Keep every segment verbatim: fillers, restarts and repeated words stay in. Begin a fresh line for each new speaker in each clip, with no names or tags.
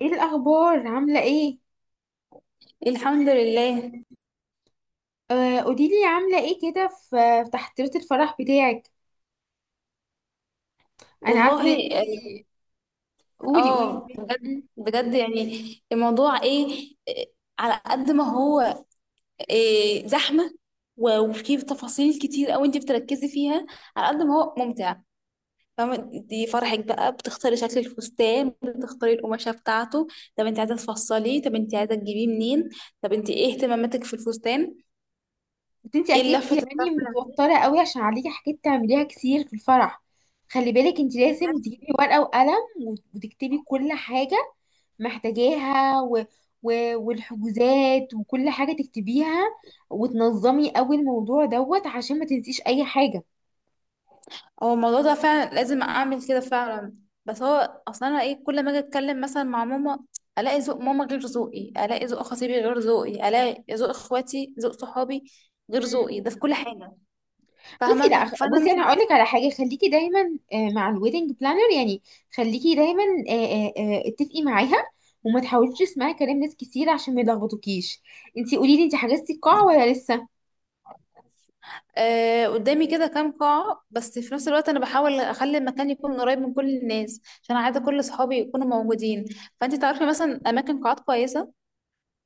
ايه الاخبار؟ عامله ايه؟
الحمد لله.
آه قوليلي عامله ايه كده في في تحضيرات الفرح بتاعك. انا عارفه
والله
ان انت
اه.
قولي قولي
آه، بجد
مم.
بجد يعني الموضوع ايه، إيه، على قد ما هو إيه، زحمة، و- وفيه تفاصيل كتير قوي انت بتركزي فيها، على قد ما هو ممتع، فاهمة؟ دي فرحك بقى، بتختاري شكل الفستان، بتختاري القماشة بتاعته. طب انت عايزة تفصليه؟ طب انت عايزة تجيبيه منين؟ طب انت ايه اهتماماتك في الفستان؟
بس انت
ايه
اكيد
اللفة
يعني
الطرف؟
متوتره قوي عشان عليكي حاجات تعمليها كتير في الفرح. خلي بالك انت لازم تجيبي ورقه وقلم وت- وتكتبي كل حاجه محتاجاها و... و... والحجوزات وكل حاجه تكتبيها وتنظمي قوي الموضوع دوت عشان ما تنسيش اي حاجه.
هو الموضوع ده فعلا لازم اعمل كده فعلا؟ بس هو اصلا انا ايه، كل ما اجي اتكلم مثلا مع ماما، الاقي ذوق ماما غير ذوقي، الاقي ذوق خطيبي غير ذوقي، الاقي ذوق اخواتي، ذوق صحابي غير ذوقي، ده في كل حاجه.
بصي
فاهمه؟
لا خ-
فانا
بصي
مش
انا هقول
عارفة.
لك على حاجه، خليكي دايما، آه، مع الويدنج بلانر يعني. خليكي دايما، آه، آه، آه، اتفقي معاها وما تحاوليش تسمعي كلام ناس كتير عشان ما يلخبطوكيش. انتي قولي لي، انتي حجزتي القاعه ولا لسه؟
آه، قدامي كده كام قاعه، بس في نفس الوقت انا بحاول اخلي المكان يكون قريب من كل الناس، عشان عايزه كل صحابي يكونوا موجودين. فانت تعرفي مثلا اماكن قاعات كويسه؟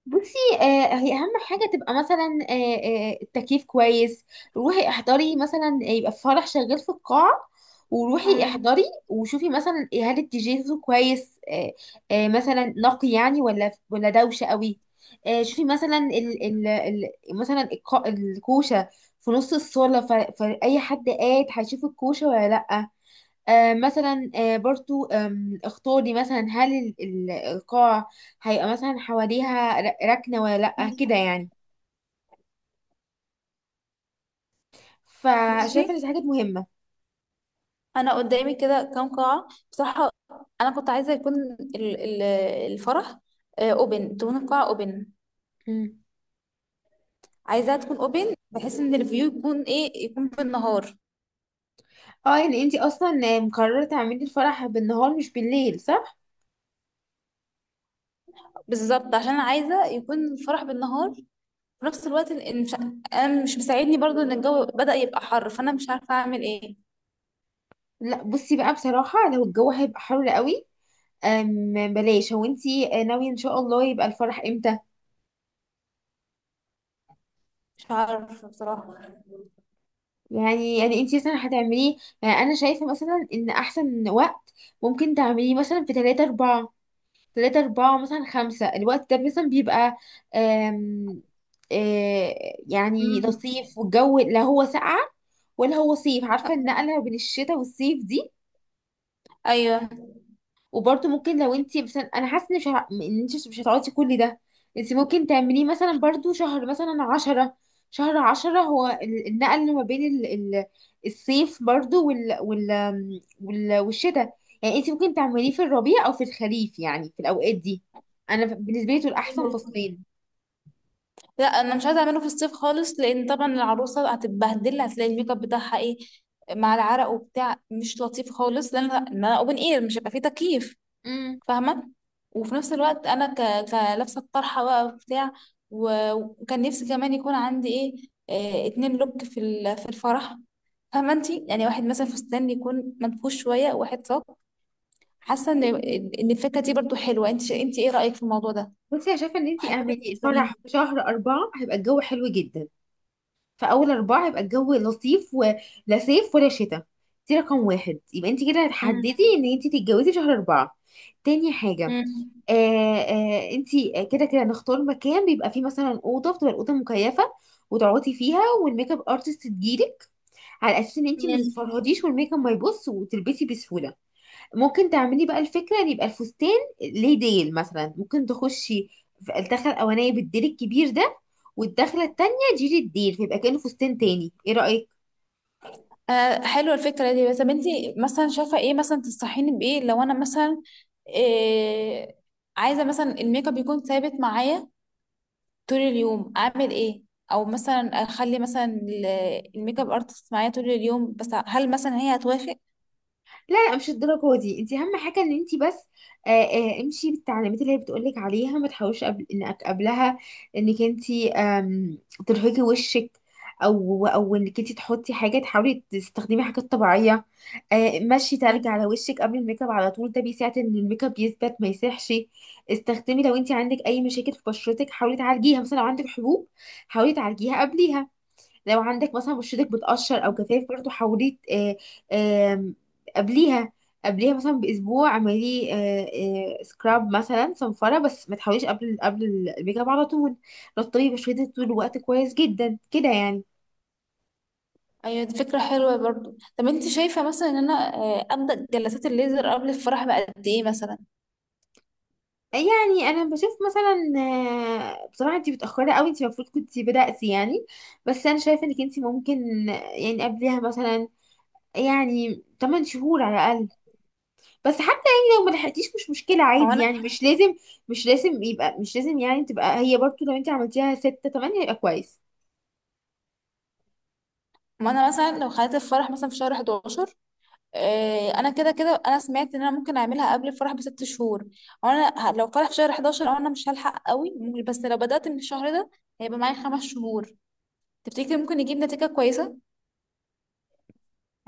بصي، آه، هي اهم حاجه تبقى مثلا، آه آه التكييف كويس. روحي احضري مثلا، يبقى في فرح شغال في القاعه وروحي
مم.
احضري وشوفي مثلا، إيه، هل الدي جي صوته كويس؟ آه آه مثلا نقي يعني ولا ولا دوشه قوي. آه شوفي مثلا ال ال ال مثلا الق- الكوشه في نص الصاله، ف- فاي حد قاعد هيشوف الكوشه ولا لا. آه، مثلا آه، برضو، آم، اختاري مثلا هل ال- ال- القاع هيبقى مثلا حواليها ر- ركنة ولا لأ كده يعني.
بصي،
فشايفة ان دي حاجات مهمة.
انا قدامي كده كام قاعه بصراحه. انا كنت عايزه يكون ال- ال- الفرح اوبن، تكون القاعه اوبن،
مم.
عايزاها تكون اوبن بحيث ان الفيو يكون ايه، يكون بالنهار.
اه يعني انتي اصلا آه، مقررة تعملي الفرح بالنهار مش بالليل، صح؟
بالظبط، عشان أنا عايزه يكون الفرح بالنهار. في نفس الوقت إن إن مش، انا مش مساعدني برضو ان الجو بدأ يبقى حر، فانا مش عارفه اعمل ايه.
لا بصي بقى، بصراحة لو الجو هيبقى حر قوي، آم، بلاش. هو انتي، آه، ناوية ان شاء الله يبقى الفرح امتى؟
مش عارفه بصراحه.
يعني يعني انتي مثلا هتعمليه، يعني انا شايفة مثلا ان احسن وقت ممكن تعمليه مثلا في تلاتة أربعة، تلاتة أربعة مثلا خمسة. الوقت ده مثلا بيبقى آم، آه، يعني
مم.
لطيف، والجو لا هو ساقعة ولا هو صيف. عارفة النقلة بين الشتاء والصيف دي.
ايوه.
وبرضه ممكن لو انت مثلا، انا حاسه ان مش ه... ان انت مش هتقعدي كل ده، انت ممكن تعمليه مثلا برضه شهر مثلا عشرة. شهر عشرة هو ال- النقل ما بين ال... ال... الصيف برضه وال... وال... وال... والشتاء. يعني انت ممكن تعمليه في الربيع او في الخريف، يعني في الاوقات دي. انا بالنسبه لي دول احسن فصلين.
لا، انا مش عايزه اعمله في الصيف خالص، لان طبعا العروسه هتتبهدل، هتلاقي الميك اب بتاعها ايه، مع العرق وبتاع، مش لطيف خالص، لان إن انا اوبن اير مش هيبقى فيه تكييف.
امم.
فاهمه؟ وفي نفس الوقت انا ك... كلابسه الطرحه بقى وبتاع. و- وكان نفسي كمان يكون عندي ايه، آه، اتنين لوك في ال- في الفرح. فاهمه انتي؟ يعني واحد مثلا فستان يكون منفوش شويه، وواحد صاج. حاسه ان ان الفكره دي برضو حلوه. انت انت ايه رايك في الموضوع ده؟
بصي انا شايفه ان انت
وحابه فكره
اعملي
الفستانين دي.
الفرح في شهر أربعة، هيبقى الجو حلو جدا. في اول اربعه يبقى الجو لطيف، ولا صيف ولا شتاء. دي رقم واحد، يبقى انت كده
مم.
هتحددي ان انت تتجوزي شهر اربعه. تاني حاجه،
مم.
آه آه انت كده كده نختار مكان بيبقى فيه مثلا اوضه، بتبقى الاوضه مكيفه وتقعدي فيها والميك اب ارتست تجيلك، على اساس ان انت ما
مم.
تتفرهديش والميك اب ما يبص وتلبسي بسهوله. ممكن تعملي بقى الفكرة ان يبقى الفستان ليه ديل، مثلا ممكن تخشي في الدخلة الأولانية بالديل الكبير ده، والدخلة التانية جيري الديل، فيبقى كأنه فستان تاني. ايه رأيك؟
آه، حلوة الفكرة دي. بس طب انتي مثلا شايفة ايه مثلا، تنصحيني بايه لو انا مثلا إيه، عايزة مثلا الميك اب يكون ثابت معايا طول اليوم، اعمل ايه؟ او مثلا اخلي مثلا ال- الميك اب ارتست معايا طول اليوم، بس هل مثلا هي هتوافق؟
لا لا مش الدرجة دي. انت اهم حاجة ان انت بس، آه آه امشي بالتعليمات اللي هي بتقولك عليها، ما تحاولش قبل انك قبلها انك انت، آم، ترهقي وشك. او او انك انت تحطي حاجة، تحاولي تستخدمي حاجات طبيعية. آه مشي تلج
مم.
على وشك قبل الميك اب على طول، ده بيساعد ان الميك اب يثبت ما يسيحش. استخدمي، لو انت عندك اي مشاكل في بشرتك حاولي تعالجيها، مثلا لو عندك حبوب حاولي تعالجيها قبليها. لو عندك مثلا بشرتك بتقشر او كتافك برضو حاولي آه، آم، قبليها، قبليها مثلا باسبوع. اعملي آه، آه، سكراب مثلا، صنفره، بس ما تحاوليش قبل قبل الميك اب على طول. رطبي بشرتك طول الوقت كويس جدا كده يعني.
ايوه، دي فكرة حلوة برضو. طب انتي شايفة مثلا ان انا آه، ابدأ جلسات الليزر قبل الفرح بقد ايه مثلا؟
يعني انا بشوف مثلا، آه، بصراحه انت متاخره قوي، انت المفروض كنت بداتي يعني. بس انا شايفه انك انت ممكن يعني قبلها مثلا يعني تمانية شهور على الاقل. بس حتى يعني لو ما لحقتيش مش مشكلة،
او
عادي
انا
يعني. مش لازم، مش لازم يبقى مش لازم يعني تبقى هي برضو. لو انت عملتيها ستة تمانية يبقى كويس.
ما انا مثلا لو خليت الفرح مثلا في شهر أحد عشر، آه، انا كده كده انا سمعت ان انا ممكن اعملها قبل الفرح بست شهور، وانا ه- لو فرح في شهر حداشر او انا مش هلحق قوي ممكن-، بس لو بدأت من الشهر ده هيبقى معايا خمس شهور. تفتكري ممكن يجيب نتيجة كويسة؟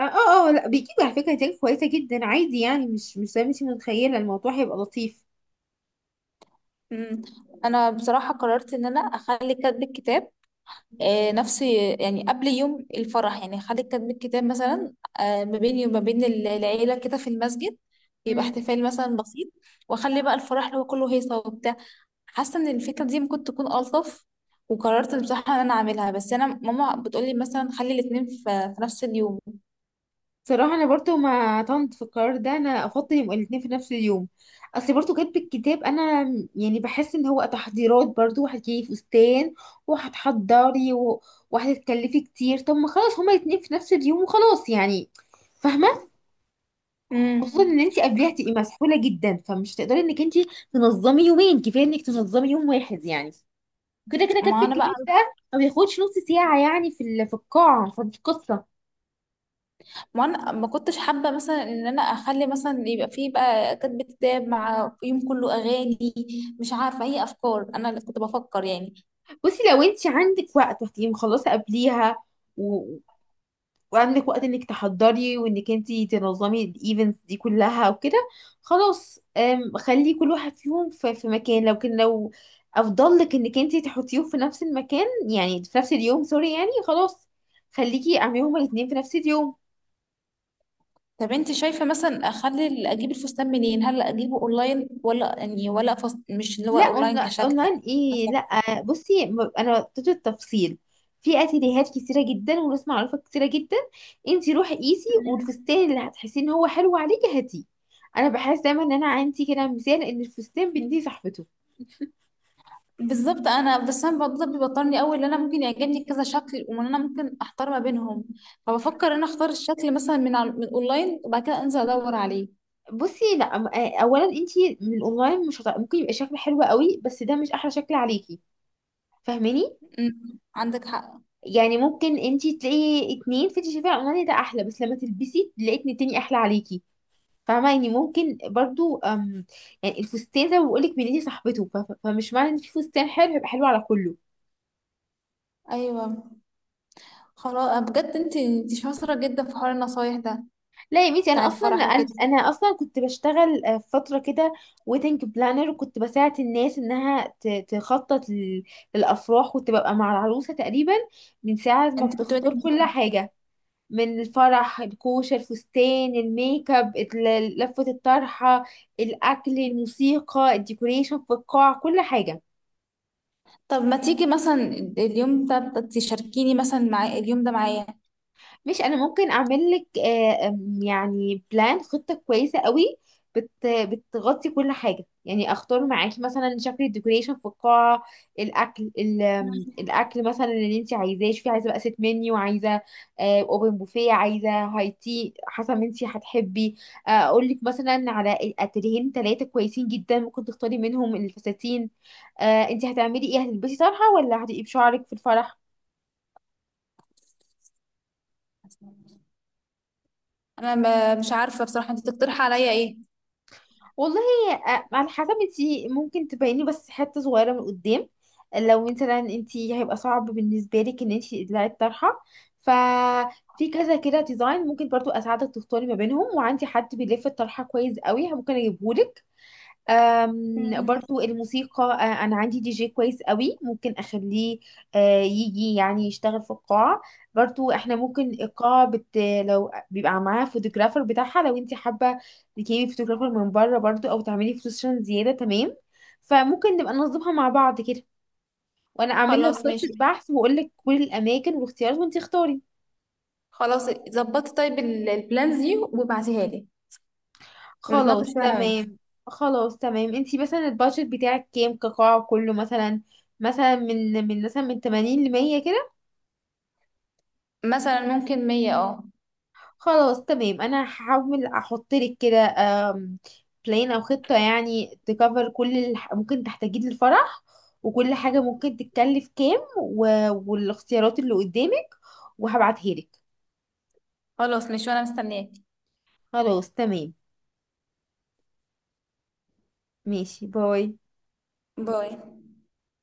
اه اه آه، لا بيجيب على فكرة نتائج كويسة جدا عادي يعني، مش مش زي ما انت متخيلة. الموضوع هيبقى لطيف.
مم. انا بصراحة قررت ان انا اخلي كاتب الكتاب آه، نفس يعني قبل يوم الفرح، يعني اخلي كاتب الكتاب مثلا آه، ما بيني وما بين ال- العيلة كده في المسجد، يبقى
امم.
احتفال مثلا بسيط، واخلي بقى الفرح اللي هو كله هيصة وبتاع. حاسه ان الفكره دي ممكن تكون الطف. وقررت بصراحه ان انا اعملها، بس انا ماما بتقولي مثلا خلي الاتنين في في نفس اليوم.
صراحة انا برضو ما طنت في القرار ده، انا افضل يبقى الاتنين في نفس اليوم. اصل برضو كاتب الكتاب، انا يعني بحس ان هو تحضيرات برضو، هتجيبي فستان وهتحضري و- وهتتكلفي كتير. طب ما خلاص، هما الاتنين في نفس اليوم وخلاص يعني. فاهمة؟ خصوصا
امم
ان انت قبليها هتبقي مسحوله جدا، فمش هتقدري انك انت تنظمي يومين. كفايه انك تنظمي يوم واحد يعني. كده كده كاتب
ما انا بقى،
الكتاب ده ما بياخدش نص ساعه يعني في ال- في القاعه، فدي قصه.
ما انا ما كنتش حابه مثلا ان انا اخلي مثلا يبقى فيه بقى كاتب كتاب مع يوم كله اغاني. مش عارفه اي افكار، انا اللي كنت بفكر يعني.
بصي لو انت عندك وقت وهتبقي مخلصه قبليها، وعندك وقت انك تحضري وانك انتي تنظمي الايفنتس دي كلها وكده، خلاص، أم، خلي كل واحد فيهم في في مكان. لو كان لو افضل لك انك انتي تحطيهم في نفس المكان، يعني في نفس اليوم، سوري، يعني خلاص، خليكي اعمليهم الاتنين في نفس اليوم.
طب انت شايفه مثلا، اخلي ال- اجيب الفستان منين؟ هل اجيبه اونلاين، ولا يعني، ولا فست، مش اللي هو
لا
اونلاين
أون-
كشكل يعني؟
اونلاين ايه؟ لا بصي، م- انا اديت التفصيل في اتيليهات كتيره جدا وناس معروفه كتيره جدا. انتي روحي قيسي،
كشكل.
والفستان اللي هتحسي ان هو حلو عليكي هاتيه. انا بحس دايما ان انا عندي كده مثال، ان الفستان بنتي صاحبته.
بالظبط. انا بس انا الموضوع ده بيوترني قوي، ان انا ممكن يعجبني كذا شكل، وان انا ممكن احتار ما بينهم. فبفكر ان انا اختار الشكل مثلا من على من اونلاين، وبعد كده انزل ادور عليه.
بصي لا، م- آه، اولا انتي من الاونلاين مش هت... ممكن يبقى شكل حلو قوي، بس ده مش احلى شكل عليكي. فاهماني؟
أمم، عندك حق.
يعني ممكن انتي تلاقي اتنين، فانتي شايفاه اونلاين ده احلى، بس لما تلبسي تلاقي اتنين تاني احلى عليكي. فاهمة يعني؟ ممكن برضو، أم، يعني الفستان زي ما بقولك بنتي صاحبته، ف- ف- فمش معنى ان في فستان حلو يبقى حلو على كله.
ايوه، خلاص. بجد انت انت شاطره جدا في حوار النصايح ده
لا يا بنتي،
بتاع
انا اصلا
الفرح
انا
وكده.
أنا اصلا كنت بشتغل آه، فترة كده ويدنج بلانر، وكنت بساعد الناس انها ت- تخطط لل- للافراح. كنت ببقى مع العروسة تقريبا من ساعة ما
انت كنت بادئ
بتختار كل
بيه.
حاجة، من الفرح، الكوشة، الفستان، الميك اب، ال- لفة الطرحة، الأكل، الموسيقى، الديكوريشن في القاعة، كل حاجة.
طب ما تيجي مثلا اليوم ده تشاركيني مثلا، مع اليوم ده معايا.
مش انا ممكن اعمل لك، آه، آم، يعني بلان، خطة كويسة قوي بت بتغطي كل حاجة. يعني اختار معاكي مثلا شكل الديكوريشن في القاعة، الاكل، ال- آم، الاكل مثلا اللي انت عايزاه. شوفي، عايزة بقى ست منيو، عايزة اوبن بوفيه، عايزة هاي تي، حسب ما انت هتحبي. آه، اقول لك مثلا على اتجاهين ثلاثة كويسين جدا، ممكن تختاري منهم الفساتين. آه، انت هتعملي ايه، هتلبسي طرحة ولا هتبقي بشعرك في الفرح؟
انا ب- مش عارفه بصراحه، انت تقترحي عليا ايه.
والله، آه، على حسب. انتي ممكن تبيني بس حتة صغيرة من قدام. لو مثلا انتي هيبقى صعب بالنسبة لك ان انتي تقلعي الطرحة، ففي كذا كده ديزاين ممكن برضو اساعدك تختاري ما بينهم، وعندي حد بيلف الطرحة كويس قوي ممكن اجيبهولك. أم،
مم.
برضو الموسيقى، أه، انا عندي دي جي كويس قوي ممكن اخليه أه، يجي يعني يشتغل في القاعة. برضو احنا ممكن القاعة بت... لو بيبقى معاها فوتوغرافر بتاعها، لو انت حابة تجيبي فوتوغرافر من بره برضو، او تعملي فوتوشن زيادة، تمام. فممكن نبقى ننظمها مع بعض كده، وانا اعمل لك
خلاص ماشي.
خطة بحث واقول لك كل الاماكن والاختيارات، وانت اختاري.
خلاص ظبطي طيب ال- البلانز دي وابعتيها لي، ونتناقش
خلاص
فيها انا وانت.
تمام. خلاص تمام. انتي مثلا البادجت بتاعك كام، كقاعة كله مثلا؟ مثلا من من مثلا من تمانين ل ميه كده.
مثلا ممكن مية اه.
خلاص تمام، انا هحاول احط لك كده بلان او خطة، يعني تكفر كل اللي ح- ممكن تحتاجيه للفرح، وكل حاجة ممكن تتكلف كام و- والاختيارات اللي قدامك، وهبعتهالك.
خلاص، مش وانا مستنياك.
خلاص تمام، ماشي. باي.
باي.